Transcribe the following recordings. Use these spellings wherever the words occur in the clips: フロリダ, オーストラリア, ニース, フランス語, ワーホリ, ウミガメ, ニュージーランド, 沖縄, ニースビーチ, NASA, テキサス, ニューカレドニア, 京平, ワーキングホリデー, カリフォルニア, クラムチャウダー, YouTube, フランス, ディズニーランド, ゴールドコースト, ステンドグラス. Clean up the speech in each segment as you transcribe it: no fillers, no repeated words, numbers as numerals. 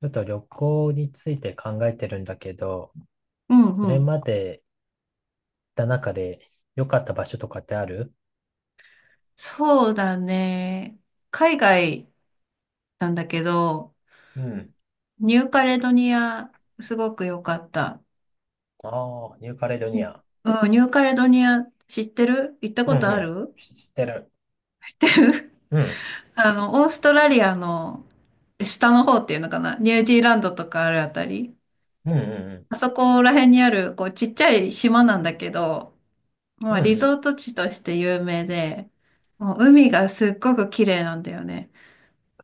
ちょっと旅行について考えてるんだけど、うんこうれん。まで行った中で良かった場所とかってある？そうだね。海外なんだけど、うん。ニューカレドニア、すごく良かった。ああ、ニューカレドニア。うん、ニューカレドニア知ってる行ったうんこうとあん。る知ってる。知ってる うん。オーストラリアの下の方っていうのかなニュージーランドとかあるあたり。うんうあそこら辺にある、こう、ちっちゃい島なんだけど、まんうあ、ん。うんリうん。ゾート地として有名で、もう海がすっごく綺麗なんだよね。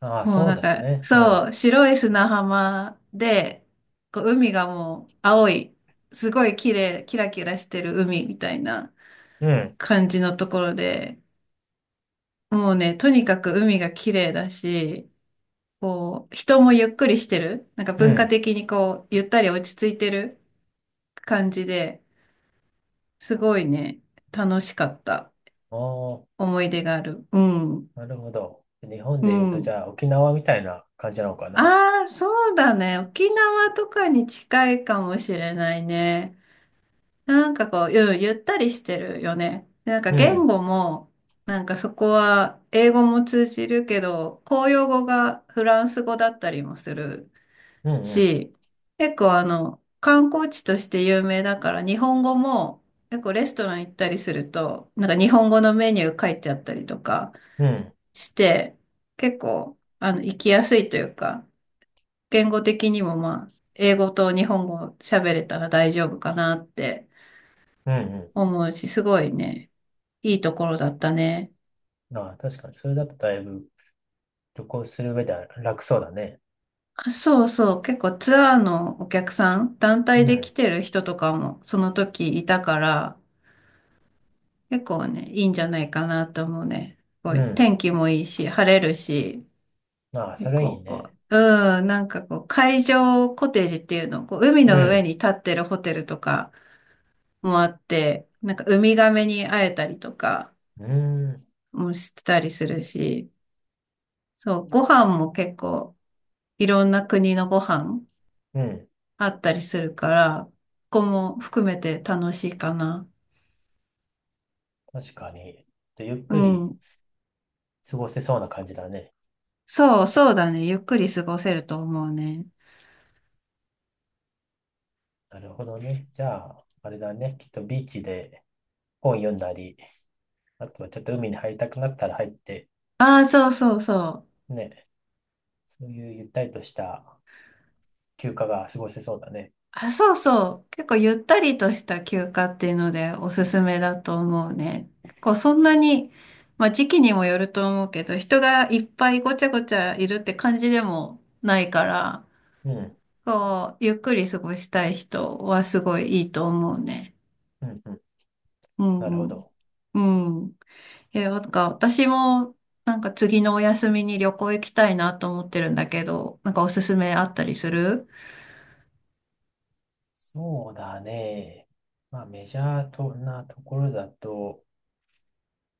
ああ、もうそうだよね。うそん。う、白い砂浜で、こう海がもう青い、すごい綺麗、キラキラしてる海みたいなうん。感じのところで、もうね、とにかく海が綺麗だし、こう、人もゆっくりしてる。なんかう文化ん。的にこう、ゆったり落ち着いてる感じで、すごいね、楽しかったあ思い出がある。うん。あ、なるほど。日本うで言うと、じん。ゃあ沖縄みたいな感じなのかな。ああ、そうだね。沖縄とかに近いかもしれないね。なんかこう、ゆったりしてるよね。でなんかう言ん。語も、なんかそこは英語も通じるけど、公用語がフランス語だったりもするうんうん。し、結構観光地として有名だから日本語も結構レストラン行ったりすると、なんか日本語のメニュー書いてあったりとかうん。して、結構行きやすいというか、言語的にもまあ、英語と日本語喋れたら大丈夫かなってうん思うし、すごいね。いいところだったね。うん。ああ、確かに、それだとだいぶ旅行する上では楽そうだね。あ、そうそう。結構ツアーのお客さん、団体うでん。来てる人とかもその時いたから、結構ね、いいんじゃないかなと思うね。すごういん。天気もいいし、晴れるし、まあ、そ結れい構いこね。う、うん、なんかこう、海上コテージっていうの、こう、海うの上ん。に立ってるホテルとかもあって、なんかウミガメに会えたりとかうん。もしてたりするし、そう、ご飯も結構、いろんな国のご飯うん。あったりするから、ここも含めて楽しいかな。確かに。で、ゆっうくりん。過ごせそうな感じだね。そう、そうだね。ゆっくり過ごせると思うね。なるほどね。じゃあ、あれだね。きっとビーチで本読んだり、あとはちょっと海に入りたくなったら入って、ああ、そうそうそう。ね。そういうゆったりとした休暇が過ごせそうだね。あ、そうそう。結構ゆったりとした休暇っていうのでおすすめだと思うね。こう、そんなに、まあ時期にもよると思うけど、人がいっぱいごちゃごちゃいるって感じでもないから、うん。こう、ゆっくり過ごしたい人はすごいいいと思うね。うん。うん。うなるほんうん。ど。うん。え、なんか私もなんか次のお休みに旅行行きたいなと思ってるんだけど、なんかおすすめあったりする？そうだね。まあ、メジャーとなところだと、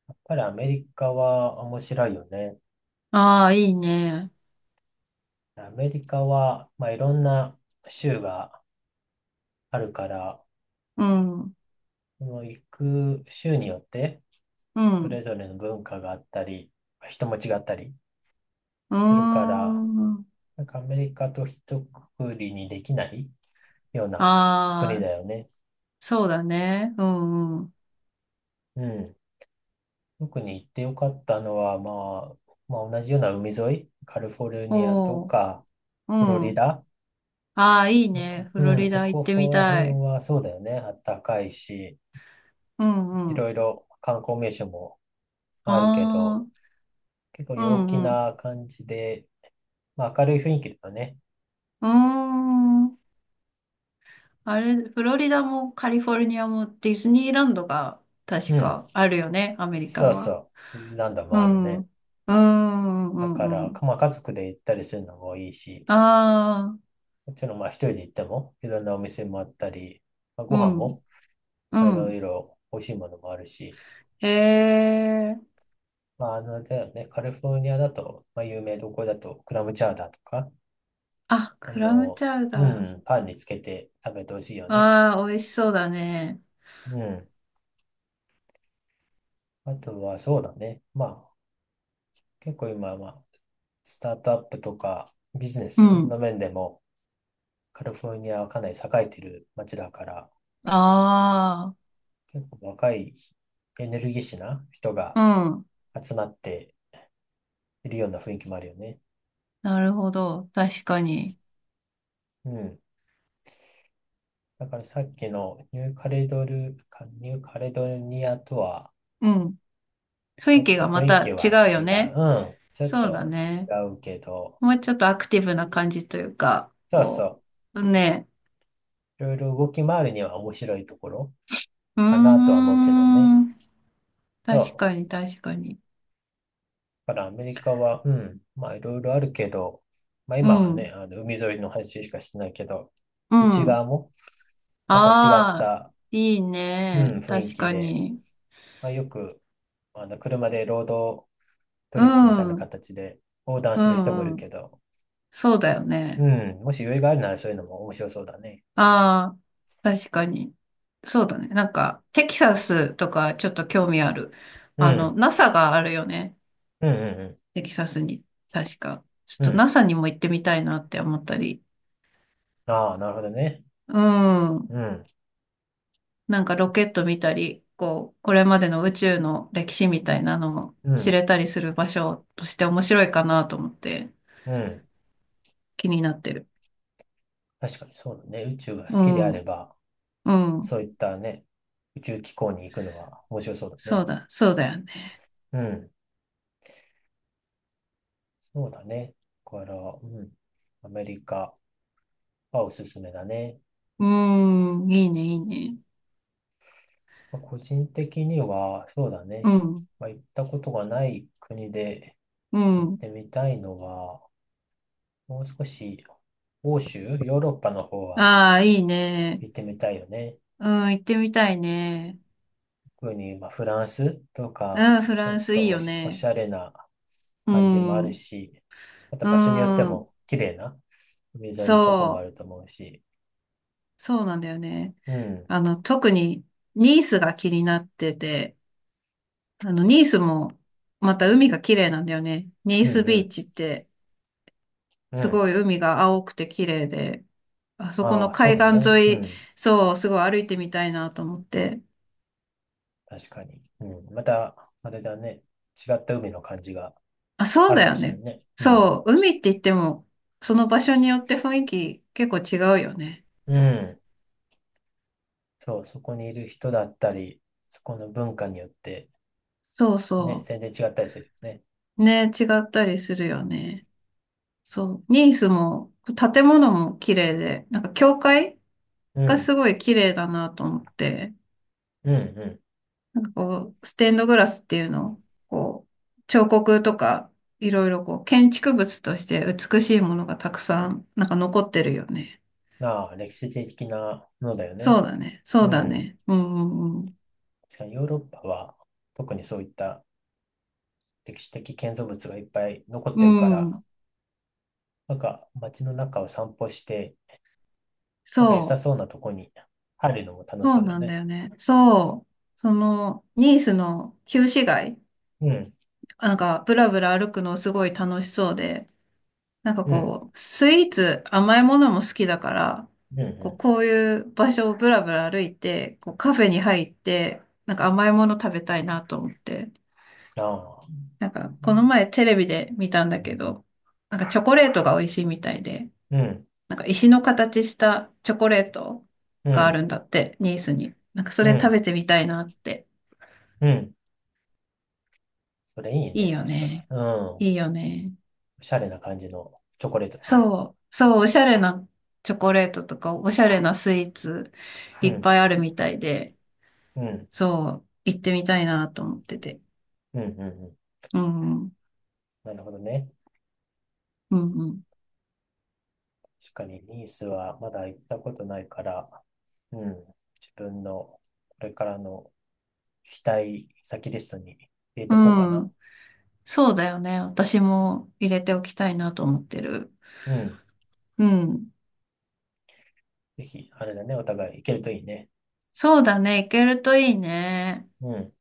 やっぱりアメリカは面白いよね。ああー、いいね。アメリカは、まあ、いろんな州があるから、うん、うその行く州によって、そん、れぞれの文化があったり、人も違ったりうーするから、ん。なんかアメリカと一括りにできないような国ああ、だよね。そうだね。うん、うん。うん。特に行ってよかったのは、まあ、まあ、同じような海沿い、カリフォルニアとおー、か、うフロリん。ダああ、いいとね。か、フうロん、リそダ行っこてみらた辺い。はそうだよね。あったかいし、ういん、うろん。いろ観光名所もああるけど、あ、結構う陽気ん、うん。な感じで、まあ、明るい雰囲気だよね。うーん。あれ、フロリダもカリフォルニアもディズニーランドがう確ん。かあるよね、アメリそカうは。そう。何度うもあるん。うね。ん。うん。うだかんうら、ん。まあ、家族で行ったりするのもいいし、ああ。もちろんまあ一人で行ってもいろんなお店もあったり、まあ、ごう飯ん。もうまあいろん。いろ美味しいものもあるし、へえ。まあ、あの、だよね、カリフォルニアだと、まあ、有名どころだとクラムチャウダーとか、あ、あクラムの、チャウうダん、ー。パンにつけて食べてほしいよね。ああ、美味しそうだね。うん。あとはそうだね。まあ、結構今、まあ、スタートアップとかビジネうスん。の面でもカリフォルニアはかなり栄えてる街だから、あ結構若いエネルギッシュな人があ。うん。集まっているような雰囲気もあるよね。なるほど。確かに。うん。だからさっきのニューカレドニアとはうん。雰ちょ囲っ気とがま雰囲気たは違うよ違う。ね。うん。ちょっそうだとね。違うけど、もうちょっとアクティブな感じというか、そうこそう。ね。う。いろいろ動き回るには面白いところうーかなとは思うけどね。ん。そ確かう。に、確かに。だからアメリカは、うん。まあいろいろあるけど、まあう今はね、ん。あの海沿いの話しかしてないけど、う内ん。側もまた違っああ、たいいうん、ね。雰囲確気かで、に。まあ、よく、あの、車でロードトうリップみたいなん、う形で横断する人もいん、うるん。けど、そうだようね。ん、もし余裕があるならそういうのも面白そうだね。ああ、確かに。そうだね。なんか、テキサスとかちょっと興味ある。うん、NASA があるよね。うん、うん、テキサスに。確か。ちうん。ょうっと ん NASA にも行ってみたいなって思ったり。ああ、なるほどね。うん。うん、なんかロケット見たり、こう、これまでの宇宙の歴史みたいなのもう知ん、れたりする場所として面白いかなと思ってうん。気になってる。確かにそうだね。宇宙が好うきであれん。ば、うん。そういったね、宇宙機構に行くのは面白そうだそうね。だ、そうだよね。うん、そうだね。だから、うん、アメリカはおすすめだね。うん。いいね、いいね。まあ個人的には、そうだね。うん。まあ、行ったことがない国でう行っん。てみたいのは、もう少し欧州、ヨーロッパの方はああ、いいね。行ってみたいよね。うん、行ってみたいね。特に、まあ、フランスとうか、ん、フランスいいよおしね。ゃれなう感じもあるん。し、またう場所によってん。も綺麗な海沿いのとこもあそるとう。思うし、そうなんだよね。うん、特にニースが気になってて、ニースもまた海が綺麗なんだよね。ニーうん、スうビーん、チってうすん。ごい海が青くて綺麗で、あそこあのあ、そう海だ岸ね。う沿い、ん、そう、すごい歩いてみたいなと思って。確かに。うん、また、あれだね。違った海の感じがあ、そうあるだかよもしれないね。ね。うん。そう、海って言っても、その場所によって雰囲気結構違うよね。うん。そう、そこにいる人だったり、そこの文化によって、そうね、そ全然違ったりするよね。う。ね、違ったりするよね。そう。ニースも、建物も綺麗で、なんか教会うがん。すごい綺麗だなと思って、うん、うなんかこう、ステンドグラスっていうのを、こう、彫刻とか、いろいろこう、建築物として美しいものがたくさん、なんか残ってるよね。ん。ああ、歴史的なものだよそね。うだね。そううだん。ね。うんうん確かにヨーロッパは、特にそういった歴史的建造物がいっぱい残っうてるかん。うら、ん。なんか街の中を散歩して、なんか良さそう。そうなとこに入るのも楽しそそううだよなんだね。よね。そう。その、ニースの旧市街、うん、なんか、ブラブラ歩くのすごい楽しそうで、なんかうん、こう、スイーツ、甘いものも好きだから、うん、こう、うこういう場所をブラブラ歩いて、こう、カフェに入って、なんか甘いもの食べたいなと思って、ん。ああ、なんか、この前テレビで見たんだけど、なんかチョコレートが美味しいみたいで、うん、なんか石の形したチョコレートうがあん、るんだって、ニースに。なんかそうん、れう食ん。べてみたいなって。うんそれいいいいね、よ確かに。ね。うん。おいいよね。しゃれな感じのチョコレートだね。そう、そう、おしゃれなチョコレートとか、おしゃれなスイーツういっん、ぱいあるみたいで、うん、そう、行ってみたいなと思ってて。うん、うん、うん。うん、うん、なるほどね。うん。確かに、ニースはまだ行ったことないから、うん。自分のこれからの期待先リストに入れうとこうかな。ん、そうだよね。私も入れておきたいなと思ってる。うん。うん。ぜひ、あれだね、お互い行けるといいね。そうだね。行けるといいね。うん。